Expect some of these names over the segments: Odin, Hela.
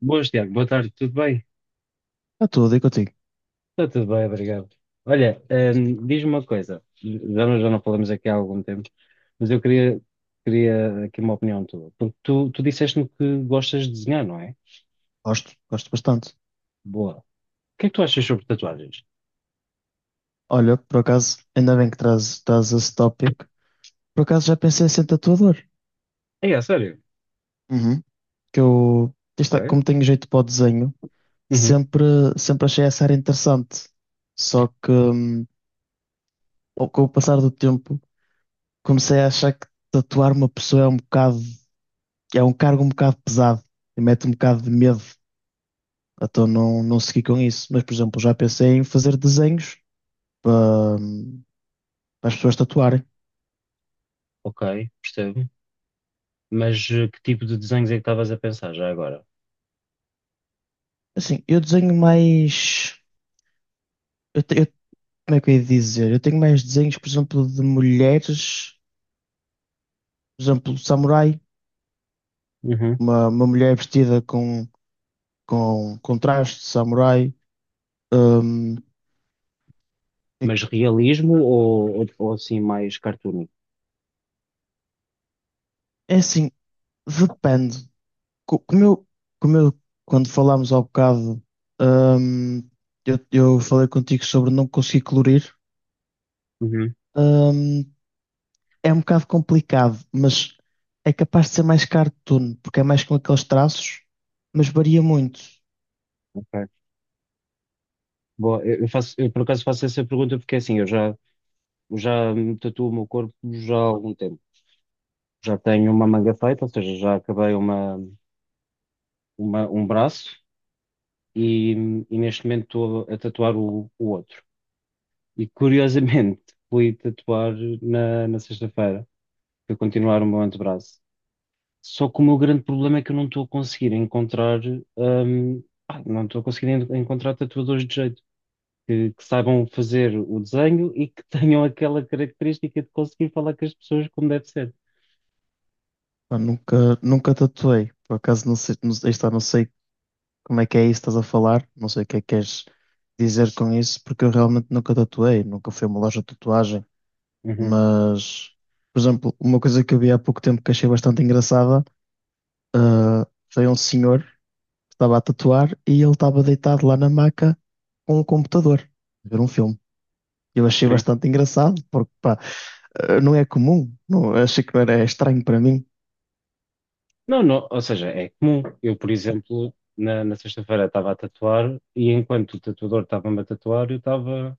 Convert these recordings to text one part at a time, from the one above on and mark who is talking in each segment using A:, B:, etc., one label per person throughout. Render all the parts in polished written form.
A: Boas, Tiago. Boa tarde. Tudo bem?
B: Está tudo aí contigo.
A: Está tudo bem, obrigado. Olha, diz-me uma coisa. Já não falamos aqui há algum tempo, mas queria aqui uma opinião tua. Porque tu disseste-me que gostas de desenhar, não é?
B: Gosto, gosto bastante.
A: Boa. O que é que tu achas sobre tatuagens?
B: Olha, por acaso, ainda bem que traz esse tópico. Por acaso já pensei em ser tatuador.
A: É, é sério?
B: Uhum. Que eu, isto é,
A: Ok.
B: como tenho jeito para o desenho,
A: Uhum,
B: sempre, sempre achei essa área interessante. Só que, ao- com o passar do tempo, comecei a achar que tatuar uma pessoa é um bocado, é um cargo um bocado pesado e mete um bocado de medo. Então não, não segui com isso. Mas, por exemplo, já pensei em fazer desenhos para, para as pessoas tatuarem.
A: ok, percebo. Mas que tipo de desenhos é que estavas a pensar já agora?
B: Assim, eu desenho mais. Eu, te- eu- Como é que eu ia dizer? Eu tenho mais desenhos, por exemplo, de mulheres, por exemplo, samurai,
A: Uhum.
B: uma mulher vestida com, com traje de samurai. Hum, é,
A: Mas realismo ou assim mais cartoon?
B: é assim, depende. Co- Como eu, como eu quando falámos há bocado, hum, eu falei contigo sobre não conseguir colorir.
A: Uhum.
B: Hum, é um bocado complicado, mas é capaz de ser mais cartoon, porque é mais com aqueles traços, mas varia muito.
A: Ok. Boa. Eu por acaso faço essa pergunta porque assim, eu já me tatuo o meu corpo já há algum tempo. Já tenho uma manga feita, ou seja, já acabei um braço e, e neste momento estou a tatuar o outro. E curiosamente fui tatuar na sexta-feira para continuar o meu antebraço. Só que o meu grande problema é que eu não estou a conseguir encontrar, não estou a conseguir encontrar tatuadores de jeito. Que saibam fazer o desenho e que tenham aquela característica de conseguir falar com as pessoas como deve ser.
B: Pá, nunca, nunca tatuei, por acaso não sei, não, aí está, não sei como é que é isso que estás a falar, não sei o que é que queres dizer com isso, porque eu realmente nunca tatuei, nunca fui a uma loja de tatuagem,
A: Uhum.
B: mas, por exemplo, uma coisa que eu vi há pouco tempo que achei bastante engraçada foi um senhor que estava a tatuar e ele estava deitado lá na maca com o computador, a ver um filme. Eu achei bastante engraçado, porque pá, não é comum. Não, achei que não era estranho para mim.
A: Não, não, ou seja, é comum. Eu, por exemplo, na sexta-feira estava a tatuar e enquanto o tatuador estava-me a tatuar, eu estava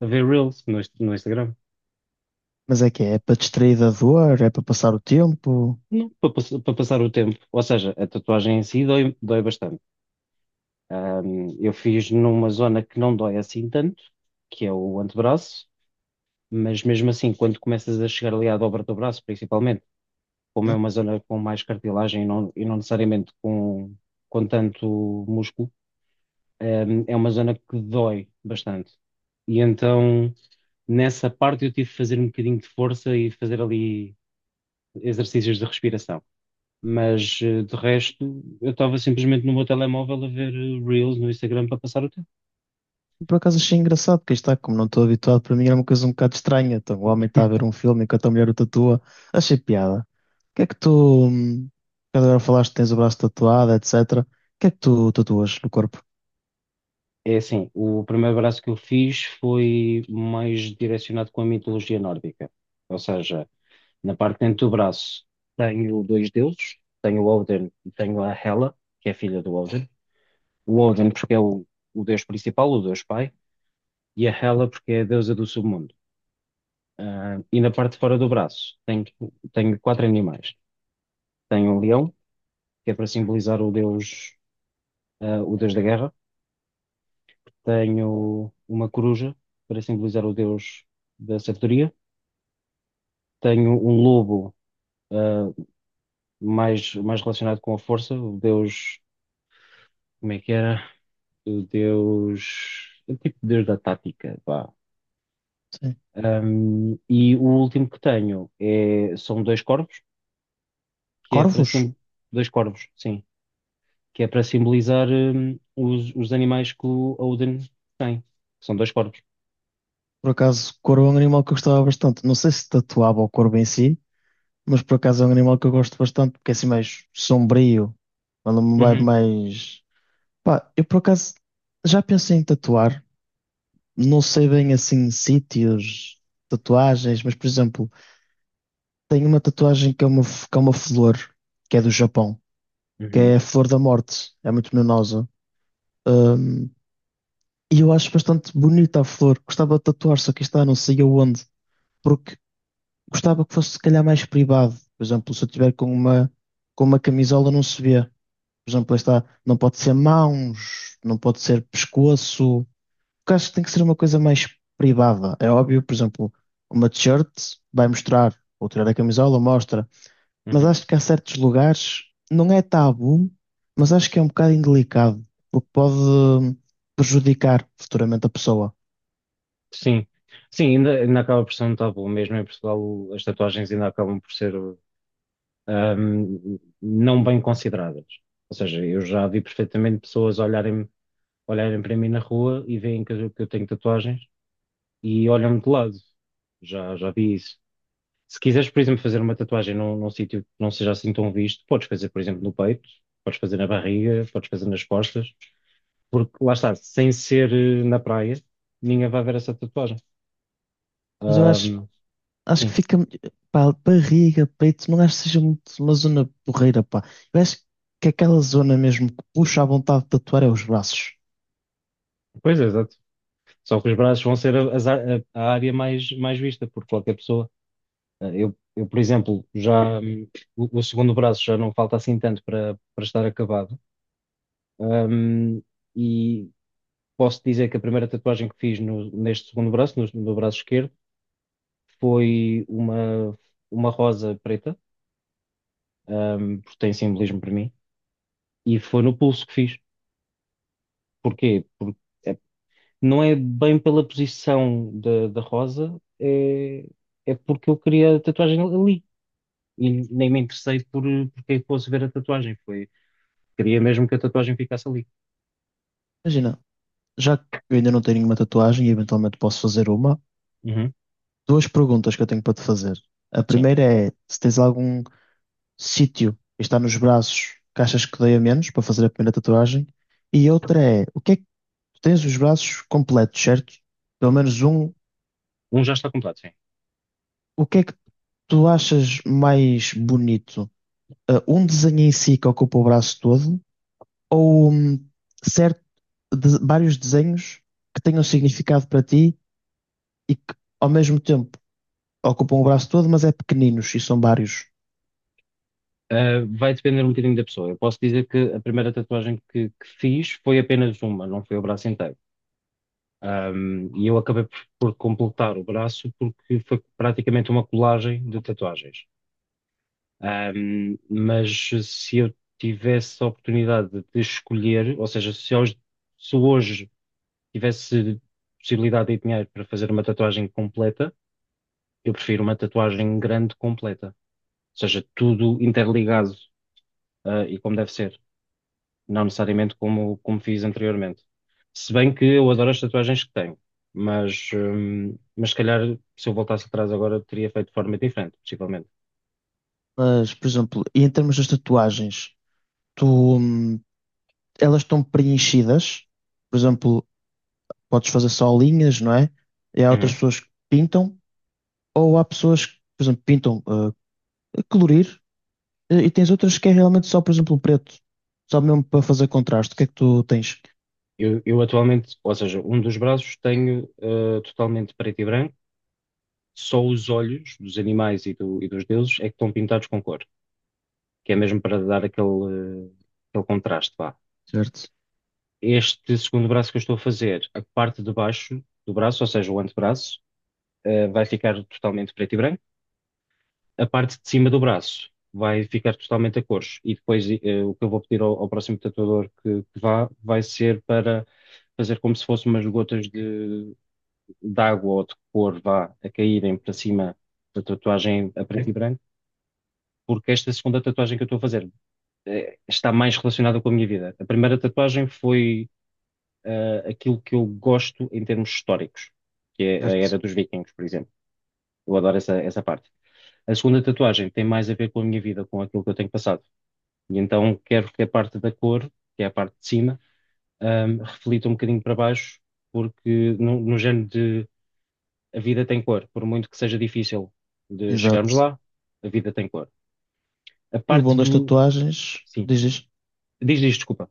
A: a ver Reels no no Instagram.
B: Mas é que é, é para distrair da dor, é para passar o tempo.
A: Não, para passar o tempo. Ou seja, a tatuagem em si dói, dói bastante. Eu fiz numa zona que não dói assim tanto, que é o antebraço, mas mesmo assim, quando começas a chegar ali à dobra do braço, principalmente, como é
B: Hum?
A: uma zona com mais cartilagem e não necessariamente com tanto músculo, é uma zona que dói bastante. E então, nessa parte, eu tive que fazer um bocadinho de força e fazer ali exercícios de respiração. Mas, de resto, eu estava simplesmente no meu telemóvel a ver Reels no Instagram para passar o tempo.
B: Por acaso achei engraçado, porque está, como não estou habituado, para mim era uma coisa um bocado estranha. Então, o homem está a ver um filme enquanto a mulher o tatua. Achei piada. O que é que tu. Agora falaste que tens o braço tatuado, etc. O que é que tu tatuas no corpo?
A: É assim, o primeiro braço que eu fiz foi mais direcionado com a mitologia nórdica. Ou seja, na parte de dentro do braço tenho dois deuses, tenho o Odin e tenho a Hela, que é filha do Odin. O Odin porque o deus principal, o deus pai, e a Hela porque é a deusa do submundo. Ah, e na parte de fora do braço tenho quatro animais. Tenho um leão, que é para simbolizar o deus, o deus da guerra. Tenho uma coruja, para simbolizar o deus da sabedoria. Tenho um lobo, ah, mais relacionado com a força, o deus, como é que era? O deus, o tipo de deus da tática, pá.
B: Sim.
A: Um, e o último que tenho é, são dois corvos, que é para
B: Corvos?
A: sim, dois corvos, sim, que é para simbolizar um, os animais que o Odin tem, que são dois corvos.
B: Por acaso, corvo é um animal que eu gostava bastante. Não sei se tatuava o corvo em si, mas por acaso é um animal que eu gosto bastante, porque é assim mais sombrio, quando me vai
A: Uhum,
B: mais. Pá, eu por acaso já pensei em tatuar, não sei bem assim sítios, tatuagens, mas por exemplo, tenho uma tatuagem que é uma, que é uma flor, que é do Japão, que
A: uhum,
B: é a flor da morte, é muito venenosa. Hum, e eu acho bastante bonita a flor, gostava de tatuar, só que está, não sei aonde, porque gostava que fosse se calhar mais privado, por exemplo, se eu tiver com uma camisola não se vê. Por exemplo, lá está, não pode ser mãos, não pode ser pescoço. Porque acho que tem que ser uma coisa mais privada. É óbvio, por exemplo, uma t-shirt vai mostrar, ou tirar a camisola mostra. Mas
A: uhum.
B: acho que há certos lugares, não é tabu, mas acho que é um bocado indelicado, porque pode prejudicar futuramente a pessoa.
A: Sim, sim, ainda, ainda acaba por ser um tabu, mesmo em Portugal as tatuagens ainda acabam por ser um, não bem consideradas. Ou seja, eu já vi perfeitamente pessoas olharem para mim na rua e veem que eu tenho tatuagens e olham-me de lado. Já vi isso. Se quiseres, por exemplo, fazer uma tatuagem num sítio que não seja assim tão visto, podes fazer, por exemplo, no peito, podes fazer na barriga, podes fazer nas costas, porque lá está, sem ser na praia, ninguém vai ver essa tatuagem.
B: Mas eu acho,
A: Ahm,
B: Acho que
A: sim,
B: fica, pá, barriga, peito, não acho que seja muito uma zona porreira, pá. Eu acho que aquela zona mesmo que puxa à vontade de tatuar é os braços.
A: pois é, exato. Só que os braços vão ser a, as ar- a área mais, mais vista por qualquer pessoa. Ah, por exemplo, já o segundo braço já não falta assim tanto para estar acabado. Ahm, e posso dizer que a primeira tatuagem que fiz neste segundo braço, no braço esquerdo, foi uma rosa preta, porque tem simbolismo para mim, e foi no pulso que fiz. Porquê? Porque é, não é bem pela posição da rosa, é, é porque eu queria a tatuagem ali. E nem me interessei por porque é que fosse ver a tatuagem. Foi, queria mesmo que a tatuagem ficasse ali.
B: Imagina, já que eu ainda não tenho nenhuma tatuagem e eventualmente posso fazer uma,
A: Uhum,
B: duas perguntas que eu tenho para te fazer. A
A: sim.
B: primeira é se tens algum sítio que está nos braços que achas que doia menos para fazer a primeira tatuagem. E outra é, o que é que tu tens os braços completos, certo? Pelo menos um,
A: Um já está completo, sim.
B: o que é que tu achas mais bonito? Ah, um desenho em si que ocupa o braço todo ou certo, vários desenhos que tenham significado para ti e que ao mesmo tempo ocupam o braço todo, mas é pequeninos e são vários.
A: Vai depender um bocadinho da pessoa. Eu posso dizer que a primeira tatuagem que fiz foi apenas uma, não foi o braço inteiro. Um, e eu acabei por completar o braço porque foi praticamente uma colagem de tatuagens. Um, mas se eu tivesse a oportunidade de escolher, ou seja, se hoje tivesse possibilidade e dinheiro para fazer uma tatuagem completa, eu prefiro uma tatuagem grande completa, ou seja, tudo interligado, ah, e como deve ser. Não necessariamente como fiz anteriormente. Se bem que eu adoro as tatuagens que tenho, mas, mas se calhar se eu voltasse atrás agora teria feito de forma diferente, possivelmente.
B: Mas, por exemplo, e em termos das tatuagens, tu, elas estão preenchidas, por exemplo, podes fazer só linhas, não é? E há outras
A: Uhum.
B: pessoas que pintam, ou há pessoas que, por exemplo, pintam ah, a colorir. E tens outras que é realmente só, por exemplo, o preto. Só mesmo para fazer contraste. O que é que tu tens?
A: Eu atualmente, ou seja, um dos braços tenho totalmente preto e branco, só os olhos dos animais e dos deuses é que estão pintados com cor, que é mesmo para dar aquele, aquele contraste, vá.
B: Certo?
A: Este segundo braço que eu estou a fazer, a parte de baixo do braço, ou seja, o antebraço, vai ficar totalmente preto e branco. A parte de cima do braço vai ficar totalmente a cores. E depois eh, o que eu vou pedir ao próximo tatuador que vá vai ser para fazer como se fossem umas gotas de água ou de cor vá a caírem para cima da tatuagem a preto e branco, porque esta segunda tatuagem que eu estou a fazer está mais relacionada com a minha vida. A primeira tatuagem foi aquilo que eu gosto em termos históricos, que é a
B: Certo.
A: era dos vikings, por exemplo. Eu adoro essa parte. A segunda tatuagem tem mais a ver com a minha vida, com aquilo que eu tenho passado. E então quero que a parte da cor, que é a parte de cima, reflita um bocadinho para baixo, porque no género de a vida tem cor, por muito que seja difícil de chegarmos
B: Exato.
A: lá, a vida tem cor. A
B: E o bom
A: parte
B: das
A: do.
B: tatuagens,
A: Sim,
B: dizes,
A: diz, diz, desculpa.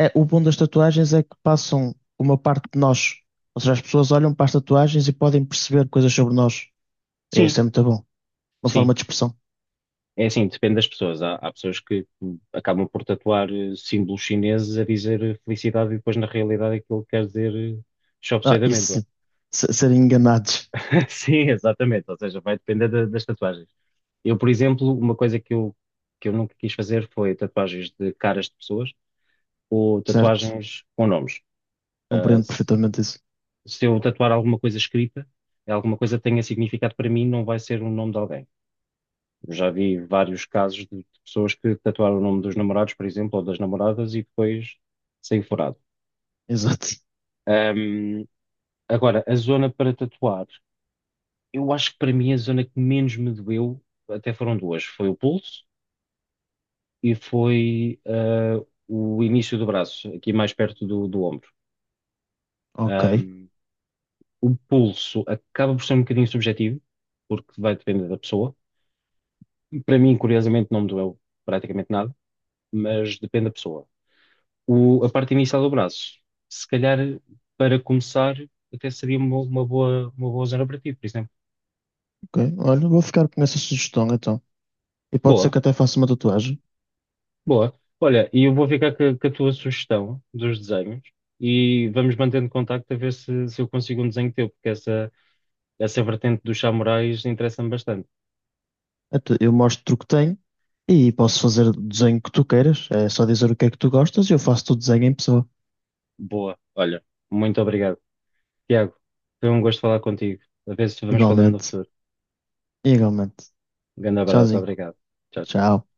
B: é, o bom das tatuagens é que passam uma parte de nós. Ou seja, as pessoas olham para as tatuagens e podem perceber coisas sobre nós. E
A: Sim,
B: isso é muito bom. Uma
A: sim.
B: forma de expressão.
A: É assim, depende das pessoas. Há pessoas que acabam por tatuar símbolos chineses a dizer eh, felicidade e depois na realidade aquilo quer dizer eh, chop suey
B: Ah,
A: de
B: isso
A: amêndoa.
B: sim. Se- serem enganados.
A: Sim, exatamente. Ou seja, vai depender das tatuagens. Eu, por exemplo, uma coisa que eu nunca quis fazer foi tatuagens de caras de pessoas ou
B: Certo.
A: tatuagens com nomes. Ah,
B: Compreendo perfeitamente isso.
A: se eu tatuar alguma coisa escrita, é alguma coisa que tenha significado para mim, não vai ser o nome de alguém. Eu já vi vários casos de pessoas que tatuaram o nome dos namorados, por exemplo, ou das namoradas e depois saiu furado.
B: Exato.
A: Ahm, agora, a zona para tatuar, eu acho que para mim a zona que menos me doeu até foram duas. Foi o pulso e foi ah, o início do braço, aqui mais perto do ombro.
B: Ok.
A: Ahm, o pulso acaba por ser um bocadinho subjetivo, porque vai depender da pessoa. Para mim, curiosamente, não me doeu praticamente nada, mas depende da pessoa. A parte inicial do braço, se calhar para começar, até seria uma boa zona para ti, por exemplo.
B: Ok. Olha, vou ficar com essa sugestão então. E pode ser
A: Boa,
B: que até faça uma tatuagem.
A: boa. Olha, e eu vou ficar com a tua sugestão dos desenhos e vamos mantendo contacto a ver se eu consigo um desenho teu, porque essa vertente dos samurais interessa-me bastante.
B: Então, eu mostro o que tenho e posso fazer o desenho que tu queiras. É só dizer o que é que tu gostas e eu faço o desenho em pessoa.
A: Boa, olha, muito obrigado. Tiago, foi um gosto falar contigo. A ver se vamos falando no
B: Igualmente.
A: futuro.
B: Igualmente.
A: Um grande abraço,
B: Tchauzinho.
A: obrigado. Tchau, tchau.
B: Tchau.